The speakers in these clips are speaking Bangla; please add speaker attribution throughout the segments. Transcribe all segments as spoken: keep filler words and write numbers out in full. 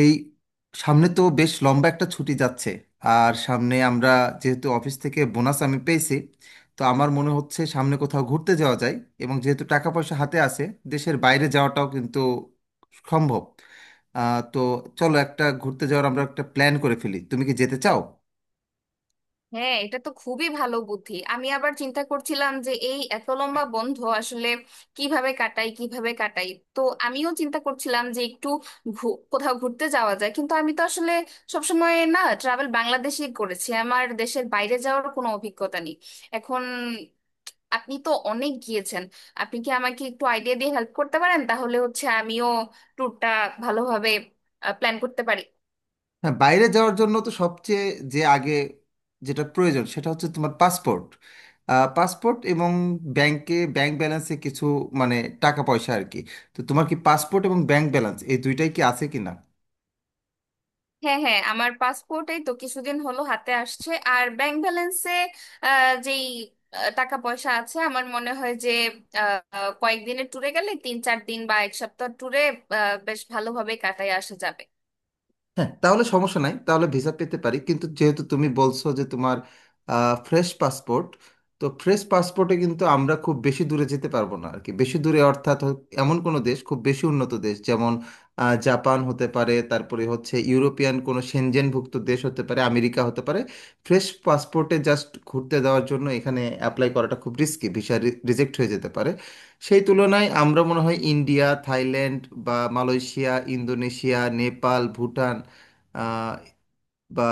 Speaker 1: এই সামনে তো বেশ লম্বা একটা ছুটি যাচ্ছে। আর সামনে আমরা, যেহেতু অফিস থেকে বোনাস আমি পেয়েছি, তো আমার মনে হচ্ছে সামনে কোথাও ঘুরতে যাওয়া যায়। এবং যেহেতু টাকা পয়সা হাতে আছে, দেশের বাইরে যাওয়াটাও কিন্তু সম্ভব। আহ, তো চলো একটা ঘুরতে যাওয়ার আমরা একটা প্ল্যান করে ফেলি, তুমি কি যেতে চাও?
Speaker 2: হ্যাঁ, এটা তো খুবই ভালো বুদ্ধি। আমি আবার চিন্তা করছিলাম যে এই এত লম্বা বন্ধ আসলে কিভাবে কাটাই কিভাবে কাটাই। তো আমিও চিন্তা করছিলাম যে একটু ঘু- কোথাও ঘুরতে যাওয়া যায়, কিন্তু আমি তো আসলে সবসময় না ট্রাভেল বাংলাদেশেই করেছি। আমার দেশের বাইরে যাওয়ার কোনো অভিজ্ঞতা নেই। এখন আপনি তো অনেক গিয়েছেন। আপনি কি আমাকে একটু আইডিয়া দিয়ে হেল্প করতে পারেন, তাহলে হচ্ছে আমিও ট্যুরটা ভালোভাবে প্ল্যান করতে পারি?
Speaker 1: হ্যাঁ, বাইরে যাওয়ার জন্য তো সবচেয়ে যে আগে যেটা প্রয়োজন সেটা হচ্ছে তোমার পাসপোর্ট। পাসপোর্ট এবং ব্যাংকে ব্যাংক ব্যালেন্সে কিছু, মানে, টাকা পয়সা আর কি। তো তোমার কি পাসপোর্ট এবং ব্যাংক ব্যালেন্স এই দুইটাই কি আছে কিনা?
Speaker 2: হ্যাঁ, হ্যাঁ, আমার পাসপোর্টেই তো কিছুদিন হলো হাতে আসছে। আর ব্যাংক ব্যালেন্সে যেই আহ, টাকা পয়সা আছে, আমার মনে হয় যে আহ, কয়েকদিনের ট্যুরে গেলে তিন চার দিন বা এক সপ্তাহ ট্যুরে বেশ ভালোভাবে কাটায় আসা যাবে।
Speaker 1: হ্যাঁ তাহলে সমস্যা নাই, তাহলে ভিসা পেতে পারি, কিন্তু যেহেতু তুমি বলছো যে তোমার ফ্রেশ পাসপোর্ট, তো ফ্রেশ পাসপোর্টে কিন্তু আমরা খুব বেশি দূরে যেতে পারবো না আর কি। বেশি দূরে অর্থাৎ হ- এমন কোনো দেশ, খুব বেশি উন্নত দেশ, যেমন আহ, জাপান হতে পারে, তারপরে হচ্ছে ইউরোপিয়ান কোনো সেনজেনভুক্ত দেশ হতে পারে, আমেরিকা হতে পারে। ফ্রেশ পাসপোর্টে জাস্ট ঘুরতে দেওয়ার জন্য এখানে অ্যাপ্লাই করাটা খুব রিস্কি, ভিসা রিজেক্ট হয়ে যেতে পারে। সেই তুলনায় আমরা মনে হয় ইন্ডিয়া, থাইল্যান্ড, বা মালয়েশিয়া, ইন্দোনেশিয়া, নেপাল, ভুটান আহ, বা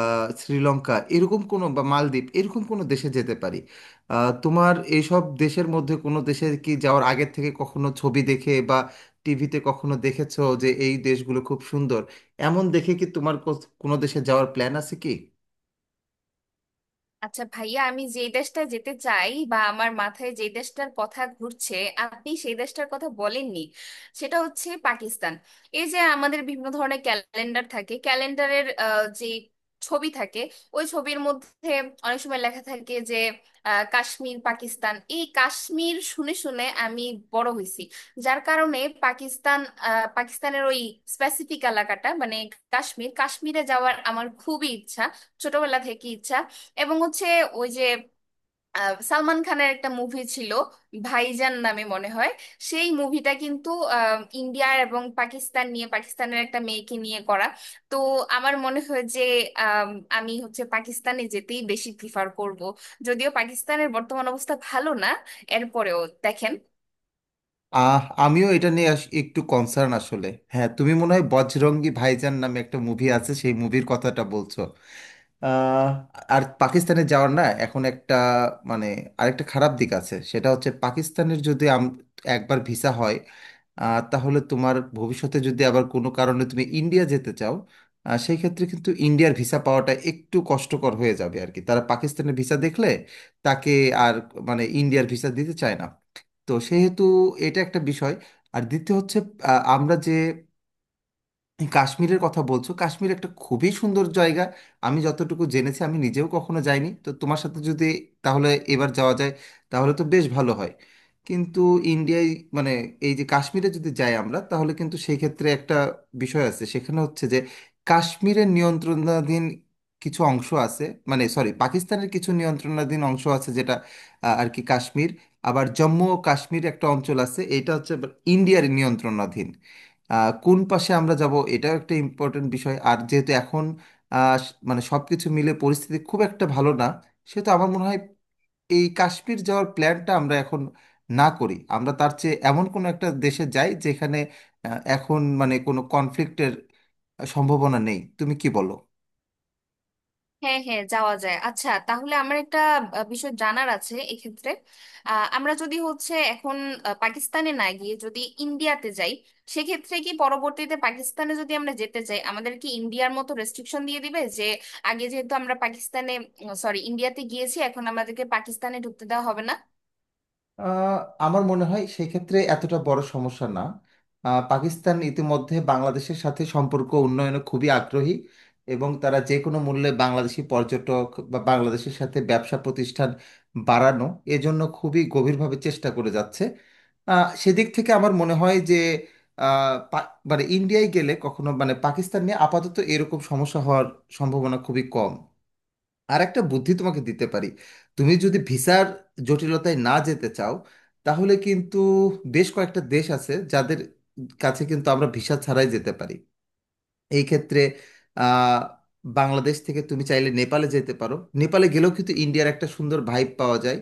Speaker 1: শ্রীলঙ্কা এরকম কোনো, বা মালদ্বীপ এরকম কোনো দেশে যেতে পারি। আহ, তোমার এইসব দেশের মধ্যে কোনো দেশে কি যাওয়ার আগের থেকে কখনো ছবি দেখে বা টিভিতে কখনো দেখেছো যে এই দেশগুলো খুব সুন্দর, এমন দেখে কি তোমার কোস- কোনো দেশে যাওয়ার প্ল্যান আছে কি?
Speaker 2: আচ্ছা ভাইয়া, আমি যে দেশটা যেতে চাই বা আমার মাথায় যে দেশটার কথা ঘুরছে, আপনি সেই দেশটার কথা বলেননি। সেটা হচ্ছে পাকিস্তান। এই যে আমাদের বিভিন্ন ধরনের ক্যালেন্ডার থাকে, ক্যালেন্ডারের যে ছবি থাকে, ওই ছবির মধ্যে অনেক সময় লেখা থাকে যে আহ, কাশ্মীর পাকিস্তান। এই কাশ্মীর শুনে শুনে আমি বড় হয়েছি। যার কারণে পাকিস্তান, আহ, পাকিস্তানের ওই স্পেসিফিক এলাকাটা মানে কাশ্মীর, কাশ্মীরে যাওয়ার আমার খুবই ইচ্ছা, ছোটবেলা থেকে ইচ্ছা। এবং হচ্ছে ওই যে আহ, সালমান খানের একটা মুভি ছিল, ভাইজান নামে মনে হয়। সেই মুভিটা কিন্তু আহ, ইন্ডিয়া এবং পাকিস্তান নিয়ে, পাকিস্তানের একটা মেয়েকে নিয়ে করা। তো আমার মনে হয় যে আম, আমি হচ্ছে পাকিস্তানে যেতেই বেশি প্রিফার করব। যদিও পাকিস্তানের বর্তমান অবস্থা ভালো না, এরপরেও দেখেন।
Speaker 1: আহ আমিও এটা নিয়ে আস- একটু কনসার্ন আসলে। হ্যাঁ, তুমি মনে হয় বজরঙ্গি ভাইজান নামে একটা মুভি আছে, সেই মুভির কথাটা বলছো। আহ, আর পাকিস্তানে যাওয়ার, না এখন একটা, মানে, আরেকটা খারাপ দিক আছে, সেটা হচ্ছে পাকিস্তানের যদি আম- একবার ভিসা হয়, আহ, তাহলে তোমার ভবিষ্যতে যদি আবার কোনো কারণে তুমি ইন্ডিয়া যেতে চাও, আহ, সেই ক্ষেত্রে কিন্তু ইন্ডিয়ার ভিসা পাওয়াটা একটু কষ্টকর হয়ে যাবে আর কি, তারা পাকিস্তানের ভিসা দেখলে তাকে আর, মানে, ইন্ডিয়ার ভিসা দিতে চায় না। তো সেহেতু এটা একটা বিষয়। আর দ্বিতীয় হচ্ছে, আহ, আমরা যে এই কাশ্মীরের কথা বলছো, কাশ্মীর একটা খুবই সুন্দর জায়গা। আমি যতটুকু জেনেছি, আমি নিজেও কখনো যাইনি, তো তোমার সাথে যদি তাহলে এবার যাওয়া যায় তাহলে তো বেশ ভালো হয়। কিন্তু ইন্ডিয়ায়, মানে, এই যে কাশ্মীরে যদি যাই আমরা তাহলে কিন্তু সেই ক্ষেত্রে একটা বিষয় আছে, সেখানে হচ্ছে যে কাশ্মীরের নিয়ন্ত্রণাধীন কিছু অংশ আছে, মানে সরি, পাকিস্তানের কিছু নিয়ন্ত্রণাধীন অংশ আছে যেটা, আহ, আর কি কাশ্মীর। আবার জম্মু ও কাশ্মীর একটা অঞ্চল আছে, এটা হচ্ছে আবার ইন্ডিয়ার নিয়ন্ত্রণাধীন। আহ, কোন পাশে আমরা যাব এটাও একটা ইম্পর্টেন্ট বিষয়। আর যেহেতু এখন আহ, স- মানে সব কিছু মিলে পরিস্থিতি খুব একটা ভালো না, সেহেতু আমার মনে হয় এই কাশ্মীর যাওয়ার প্ল্যানটা আমরা এখন না করি, আমরা তার চেয়ে এমন কোনো একটা দেশে যাই যেখানে আহ, এখন মানে কোনো কনফ্লিক্টের সম্ভাবনা নেই, তুমি কি বলো?
Speaker 2: হ্যাঁ, হ্যাঁ, যাওয়া যায়। আচ্ছা তাহলে আমার একটা আহ, বিষয় জানার আছে এক্ষেত্রে। আহ, আমরা যদি হচ্ছে এখন আহ, পাকিস্তানে না গিয়ে যদি ইন্ডিয়াতে যাই, সেক্ষেত্রে কি পরবর্তীতে পাকিস্তানে যদি আমরা যেতে চাই, আমাদের কি ইন্ডিয়ার মতো রেস্ট্রিকশন দিয়ে দিবে যে আগে যেহেতু আমরা পাকিস্তানে, সরি, ইন্ডিয়াতে গিয়েছি, এখন আমাদেরকে পাকিস্তানে ঢুকতে দেওয়া হবে না?
Speaker 1: আহ, আমার মনে হয় সেক্ষেত্রে এতটা বড় সমস্যা না। আহ, পাকিস্তান ইতিমধ্যে বাংলাদেশের সাথে সম্পর্ক উন্নয়নে খুবই আগ্রহী, এবং তারা যে কোনো মূল্যে বাংলাদেশি পর্যটক বা বাংলাদেশের সাথে ব্যবসা প্রতিষ্ঠান বাড়ানো, এজন্য খুবই গভীরভাবে চেষ্টা করে যাচ্ছে। আহ, সেদিক থেকে আমার মনে হয় যে, আহ, পা- মানে ইন্ডিয়ায় গেলে কখনো, মানে, পাকিস্তান নিয়ে আপাতত এরকম সমস্যা হওয়ার সম্ভাবনা খুবই কম। আর একটা বুদ্ধি তোমাকে দিতে পারি, তুমি যদি ভিসার জটিলতায় না যেতে চাও তাহলে কিন্তু বেশ কয়েকটা দেশ আছে যাদের কাছে কিন্তু আমরা ভিসা ছাড়াই যেতে পারি। এই ক্ষেত্রে আহ, বাংলাদেশ থেকে তুমি চাইলে নেপালে যেতে পারো। নেপালে গেলেও কিন্তু ইন্ডিয়ার একটা সুন্দর ভাইব পাওয়া যায়,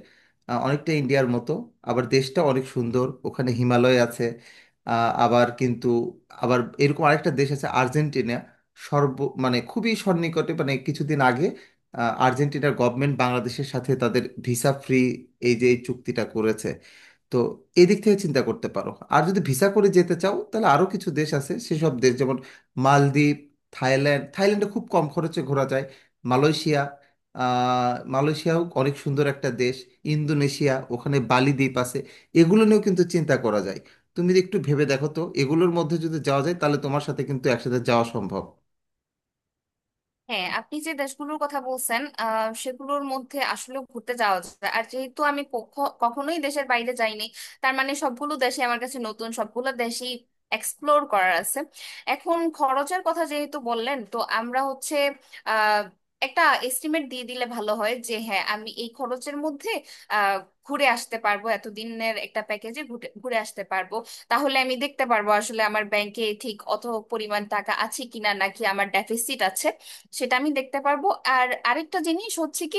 Speaker 1: আহ, অনেকটা ইন্ডিয়ার মতো, আবার দেশটা অনেক সুন্দর, ওখানে হিমালয় আছে। আহ, আবার কিন্তু আবার এরকম আরেকটা দেশ আছে, আর্জেন্টিনা। সর্ব, মানে, খুবই সন্নিকটে, মানে, কিছুদিন আগে আহ, আর্জেন্টিনার গভর্নমেন্ট বাংলাদেশের সাথে তাদের ভিসা ফ্রি, এই যে এই চুক্তিটা করেছে। তো এদিক থেকে চিন্তা করতে পারো। আর যদি ভিসা করে যেতে চাও তাহলে আরো কিছু দেশ আছে, সেসব দেশ যেমন মালদ্বীপ, থাইল্যান্ড; থাইল্যান্ডে খুব কম খরচে ঘোরা যায়। মালয়েশিয়া, আহ, মালয়েশিয়াও অনেক সুন্দর একটা দেশ। ইন্দোনেশিয়া, ওখানে বালি দ্বীপ আছে। এগুলো নিয়েও কিন্তু চিন্তা করা যায়। তুমি একটু ভেবে দেখো তো, এগুলোর মধ্যে যদি যাওয়া যায় তাহলে তোমার সাথে কিন্তু একসাথে যাওয়া সম্ভব।
Speaker 2: হ্যাঁ, আপনি যে দেশগুলোর কথা বলছেন আহ, সেগুলোর মধ্যে আসলে ঘুরতে যাওয়া যায়। আর যেহেতু আমি কখ- কখনোই দেশের বাইরে যাইনি, তার মানে সবগুলো দেশে আমার কাছে নতুন, সবগুলো দেশই এক্সপ্লোর করার আছে। এখন খরচের কথা যেহেতু বললেন, তো আমরা হচ্ছে আহ একটা এস্টিমেট দিয়ে দিলে ভালো হয় যে হ্যাঁ, আমি এই খরচের মধ্যে আহ ঘুরে আসতে পারবো, এতদিনের একটা প্যাকেজে ঘুরে ঘুরে আসতে পারবো। তাহলে আমি দেখতে পারবো আসলে আমার ব্যাংকে ঠিক অত পরিমাণ টাকা আছে কিনা নাকি আমার ডেফিসিট আছে, সেটা আমি দেখতে পারবো। আর আরেকটা জিনিস হচ্ছে কি,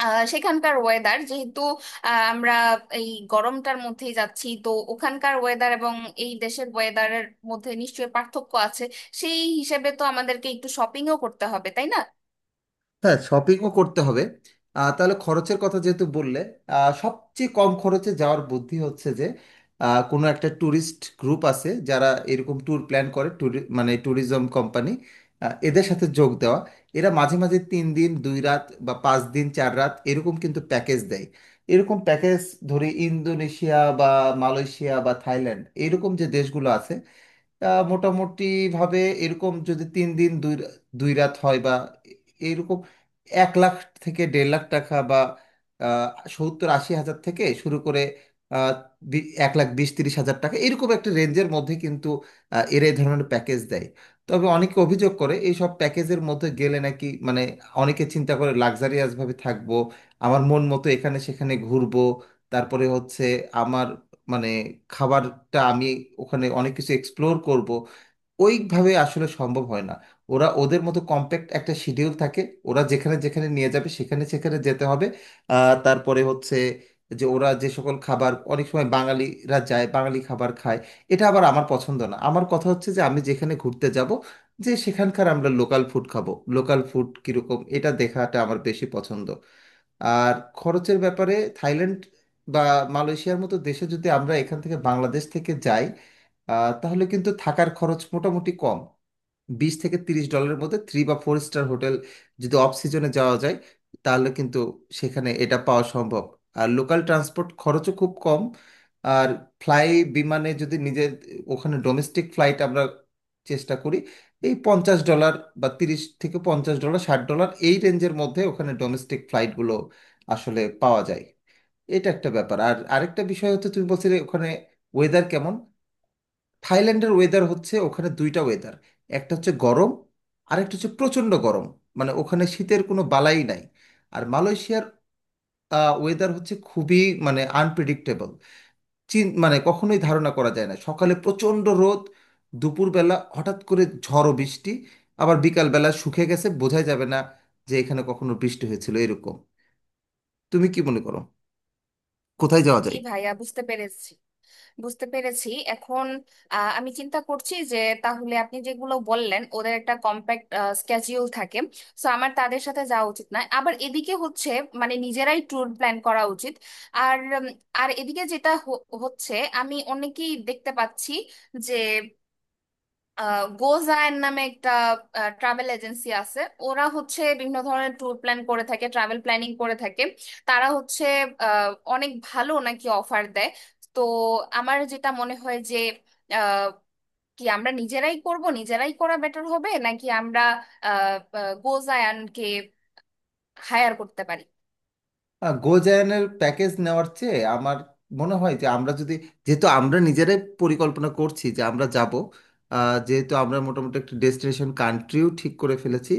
Speaker 2: আহ, সেখানকার ওয়েদার যেহেতু, আহ, আমরা এই গরমটার মধ্যেই যাচ্ছি, তো ওখানকার ওয়েদার এবং এই দেশের ওয়েদারের মধ্যে নিশ্চয়ই পার্থক্য আছে। সেই হিসেবে তো আমাদেরকে একটু শপিংও করতে হবে, তাই না?
Speaker 1: হ্যাঁ, শপিংও করতে হবে। আহ, তাহলে খরচের কথা যেহেতু বললে, আহ, সবচেয়ে কম খরচে যাওয়ার বুদ্ধি হচ্ছে যে আহ, কোনো একটা ট্যুরিস্ট গ্রুপ আছে যারা এরকম ট্যুর প্ল্যান করে, ট্যুরি মানে ট্যুরিজম কোম্পানি, এদের সাথে যোগ দেওয়া। এরা মাঝে মাঝে তিন দিন দুই রাত বা পাঁচ দিন চার রাত এরকম কিন্তু প্যাকেজ দেয়। এরকম প্যাকেজ, ধরি ইন্দোনেশিয়া বা মালয়েশিয়া বা থাইল্যান্ড এরকম যে দেশগুলো আছে, আহ, মোটামুটি ভাবে এরকম যদি তিন দিন দুই রা- দুই রাত হয় বা এরকম, এক লাখ থেকে দেড় লাখ টাকা বা আহ, সত্তর আশি হাজার থেকে শুরু করে আহ, বি- এক লাখ বিশ তিরিশ হাজার টাকা এরকম একটা রেঞ্জের মধ্যে কিন্তু আহ, এরা এই ধরনের প্যাকেজ দেয়। তবে অনেকে অভিযোগ করে এই সব প্যাকেজের মধ্যে গেলে নাকি, মানে, অনেকে চিন্তা করে লাক্সারিয়াস ভাবে থাকবো, আমার মন মতো এখানে সেখানে ঘুরবো, তারপরে হচ্ছে আমার, মানে, খাবারটা আমি ওখানে অনেক কিছু এক্সপ্লোর করব, ওইভাবে আসলে সম্ভব হয় না। ওরা ওদের মতো কম্প্যাক্ট একটা শিডিউল থাকে, ওরা যেখানে যেখানে নিয়ে যাবে সেখানে সেখানে যেতে হবে। আহ, তারপরে হচ্ছে যে ওরা যে সকল খাবার, অনেক সময় বাঙালিরা যায় বাঙালি খাবার খায়, এটা আবার আমার পছন্দ না। আমার কথা হচ্ছে যে আমি যেখানে ঘুরতে যাব যে সেখানকার আমরা লোকাল ফুড খাবো, লোকাল ফুড কীরকম এটা দেখাটা আমার বেশি পছন্দ। আর খরচের ব্যাপারে থাইল্যান্ড বা মালয়েশিয়ার মতো দেশে যদি আমরা এখান থেকে, বাংলাদেশ থেকে যাই, আহ, তাহলে কিন্তু থাকার খরচ মোটামুটি কম, বিশ থেকে তিরিশ ডলারের মধ্যে থ্রি বা ফোর স্টার হোটেল, যদি অফ সিজনে যাওয়া যায় তাহলে কিন্তু সেখানে এটা পাওয়া সম্ভব। আর লোকাল ট্রান্সপোর্ট খরচও খুব কম। আর ফ্লাই, বিমানে যদি নিজের, ওখানে ডোমেস্টিক ফ্লাইট আমরা চেষ্টা করি, এই পঞ্চাশ ডলার বা তিরিশ থেকে পঞ্চাশ ডলার, ষাট ডলার এই রেঞ্জের মধ্যে ওখানে ডোমেস্টিক ফ্লাইটগুলো আসলে পাওয়া যায়। এটা একটা ব্যাপার। আর আরেকটা বিষয় হচ্ছে তুমি বলছিলে ওখানে ওয়েদার কেমন, থাইল্যান্ডের ওয়েদার হচ্ছে ওখানে দুইটা ওয়েদার, একটা হচ্ছে গরম আর একটা হচ্ছে প্রচণ্ড গরম, মানে ওখানে শীতের কোনো বালাই নাই। আর মালয়েশিয়ার ওয়েদার হচ্ছে খুবই, মানে, আনপ্রেডিক্টেবল, চিন মানে কখনোই ধারণা করা যায় না, সকালে প্রচণ্ড রোদ, দুপুরবেলা হঠাৎ করে ঝড় ও বৃষ্টি, আবার বিকালবেলা শুকিয়ে গেছে, বোঝাই যাবে না যে এখানে কখনো বৃষ্টি হয়েছিল এরকম। তুমি কি মনে করো কোথায় যাওয়া
Speaker 2: জি
Speaker 1: যায়?
Speaker 2: ভাইয়া, বুঝতে পেরেছি, বুঝতে পেরেছি। এখন আহ, আমি চিন্তা করছি যে তাহলে আপনি যেগুলো বললেন, ওদের একটা কম্প্যাক্ট স্কেজিউল থাকে, সো আমার তাদের সাথে যাওয়া উচিত নয়। আবার এদিকে হচ্ছে মানে নিজেরাই ট্যুর প্ল্যান করা উচিত। আর উম, আর এদিকে যেটা হ- হচ্ছে, আমি অনেকেই দেখতে পাচ্ছি যে গোজায়ন নামে একটা ট্রাভেল এজেন্সি আছে। ওরা হচ্ছে বিভিন্ন ধরনের ট্যুর প্ল্যান করে থাকে, ট্রাভেল প্ল্যানিং করে থাকে। তারা হচ্ছে আহ, অনেক ভালো নাকি অফার দেয়। তো আমার যেটা মনে হয় যে আহ, কি আমরা নিজেরাই করব, নিজেরাই করা বেটার হবে, নাকি আমরা গোজায়ানকে হায়ার করতে পারি?
Speaker 1: আহ, গোজায়নের প্যাকেজ নেওয়ার চেয়ে আমার মনে হয় যে আমরা যদি, যেহেতু আমরা নিজেরাই পরিকল্পনা করছি যে আমরা যাব, আহ, যেহেতু আমরা মোটামুটি একটা ডেস্টিনেশন কান্ট্রিও ঠিক করে ফেলেছি,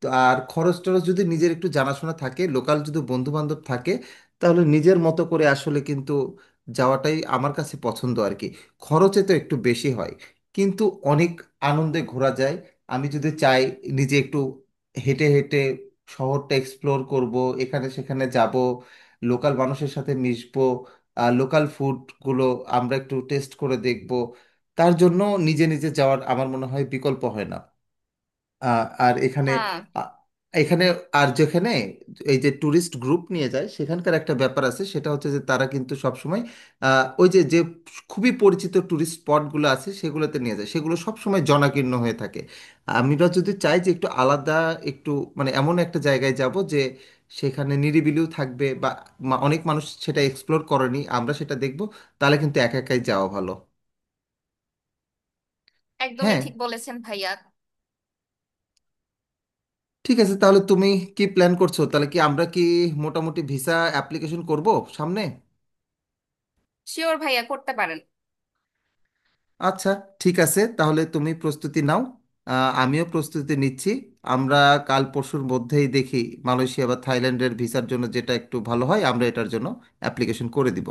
Speaker 1: তো আর খরচ টরচ যদি নিজের একটু জানাশোনা থাকে, লোকাল যদি বন্ধু বান্ধব থাকে, তাহলে নিজের মতো করে আসলে কিন্তু যাওয়াটাই আমার কাছে পছন্দ আর কি। খরচে তো একটু বেশি হয় কিন্তু অনেক আনন্দে ঘোরা যায়। আমি যদি চাই নিজে একটু হেঁটে হেঁটে শহরটা এক্সপ্লোর করব, এখানে সেখানে যাব, লোকাল মানুষের সাথে মিশবো, লোকাল ফুডগুলো আমরা একটু টেস্ট করে দেখব, তার জন্য নিজে নিজে যাওয়ার আমার মনে হয় বিকল্প হয় না। আহ, আর এখানে,
Speaker 2: হ্যাঁ,
Speaker 1: আ- এখানে আর যেখানে এই যে ট্যুরিস্ট গ্রুপ নিয়ে যায় সেখানকার একটা ব্যাপার আছে, সেটা হচ্ছে যে তারা কিন্তু সবসময় আহ, ওই যে যে খুবই পরিচিত ট্যুরিস্ট স্পটগুলো আছে সেগুলোতে নিয়ে যায়, সেগুলো সবসময় জনাকীর্ণ হয়ে থাকে। আমরা যদি চাই যে একটু আলাদা, একটু, মানে, এমন একটা জায়গায় যাব যে সেখানে নিরিবিলিও থাকবে, বা মা- অনেক মানুষ সেটা এক্সপ্লোর করেনি আমরা সেটা দেখব, তাহলে কিন্তু একা একাই যাওয়া ভালো।
Speaker 2: একদমই
Speaker 1: হ্যাঁ
Speaker 2: ঠিক বলেছেন ভাইয়া।
Speaker 1: ঠিক আছে, তাহলে তুমি কি প্ল্যান করছো, তাহলে কি আমরা কি মোটামুটি ভিসা অ্যাপ্লিকেশন করব সামনে?
Speaker 2: শিওর ভাইয়া, করতে পারেন।
Speaker 1: আচ্ছা, ঠিক আছে, তাহলে তুমি প্রস্তুতি নাও, আহ, আমিও প্রস্তুতি নিচ্ছি। আমরা কাল পরশুর মধ্যেই দেখি মালয়েশিয়া বা থাইল্যান্ডের ভিসার জন্য যেটা একটু ভালো হয় আমরা এটার জন্য অ্যাপ্লিকেশন করে দিব।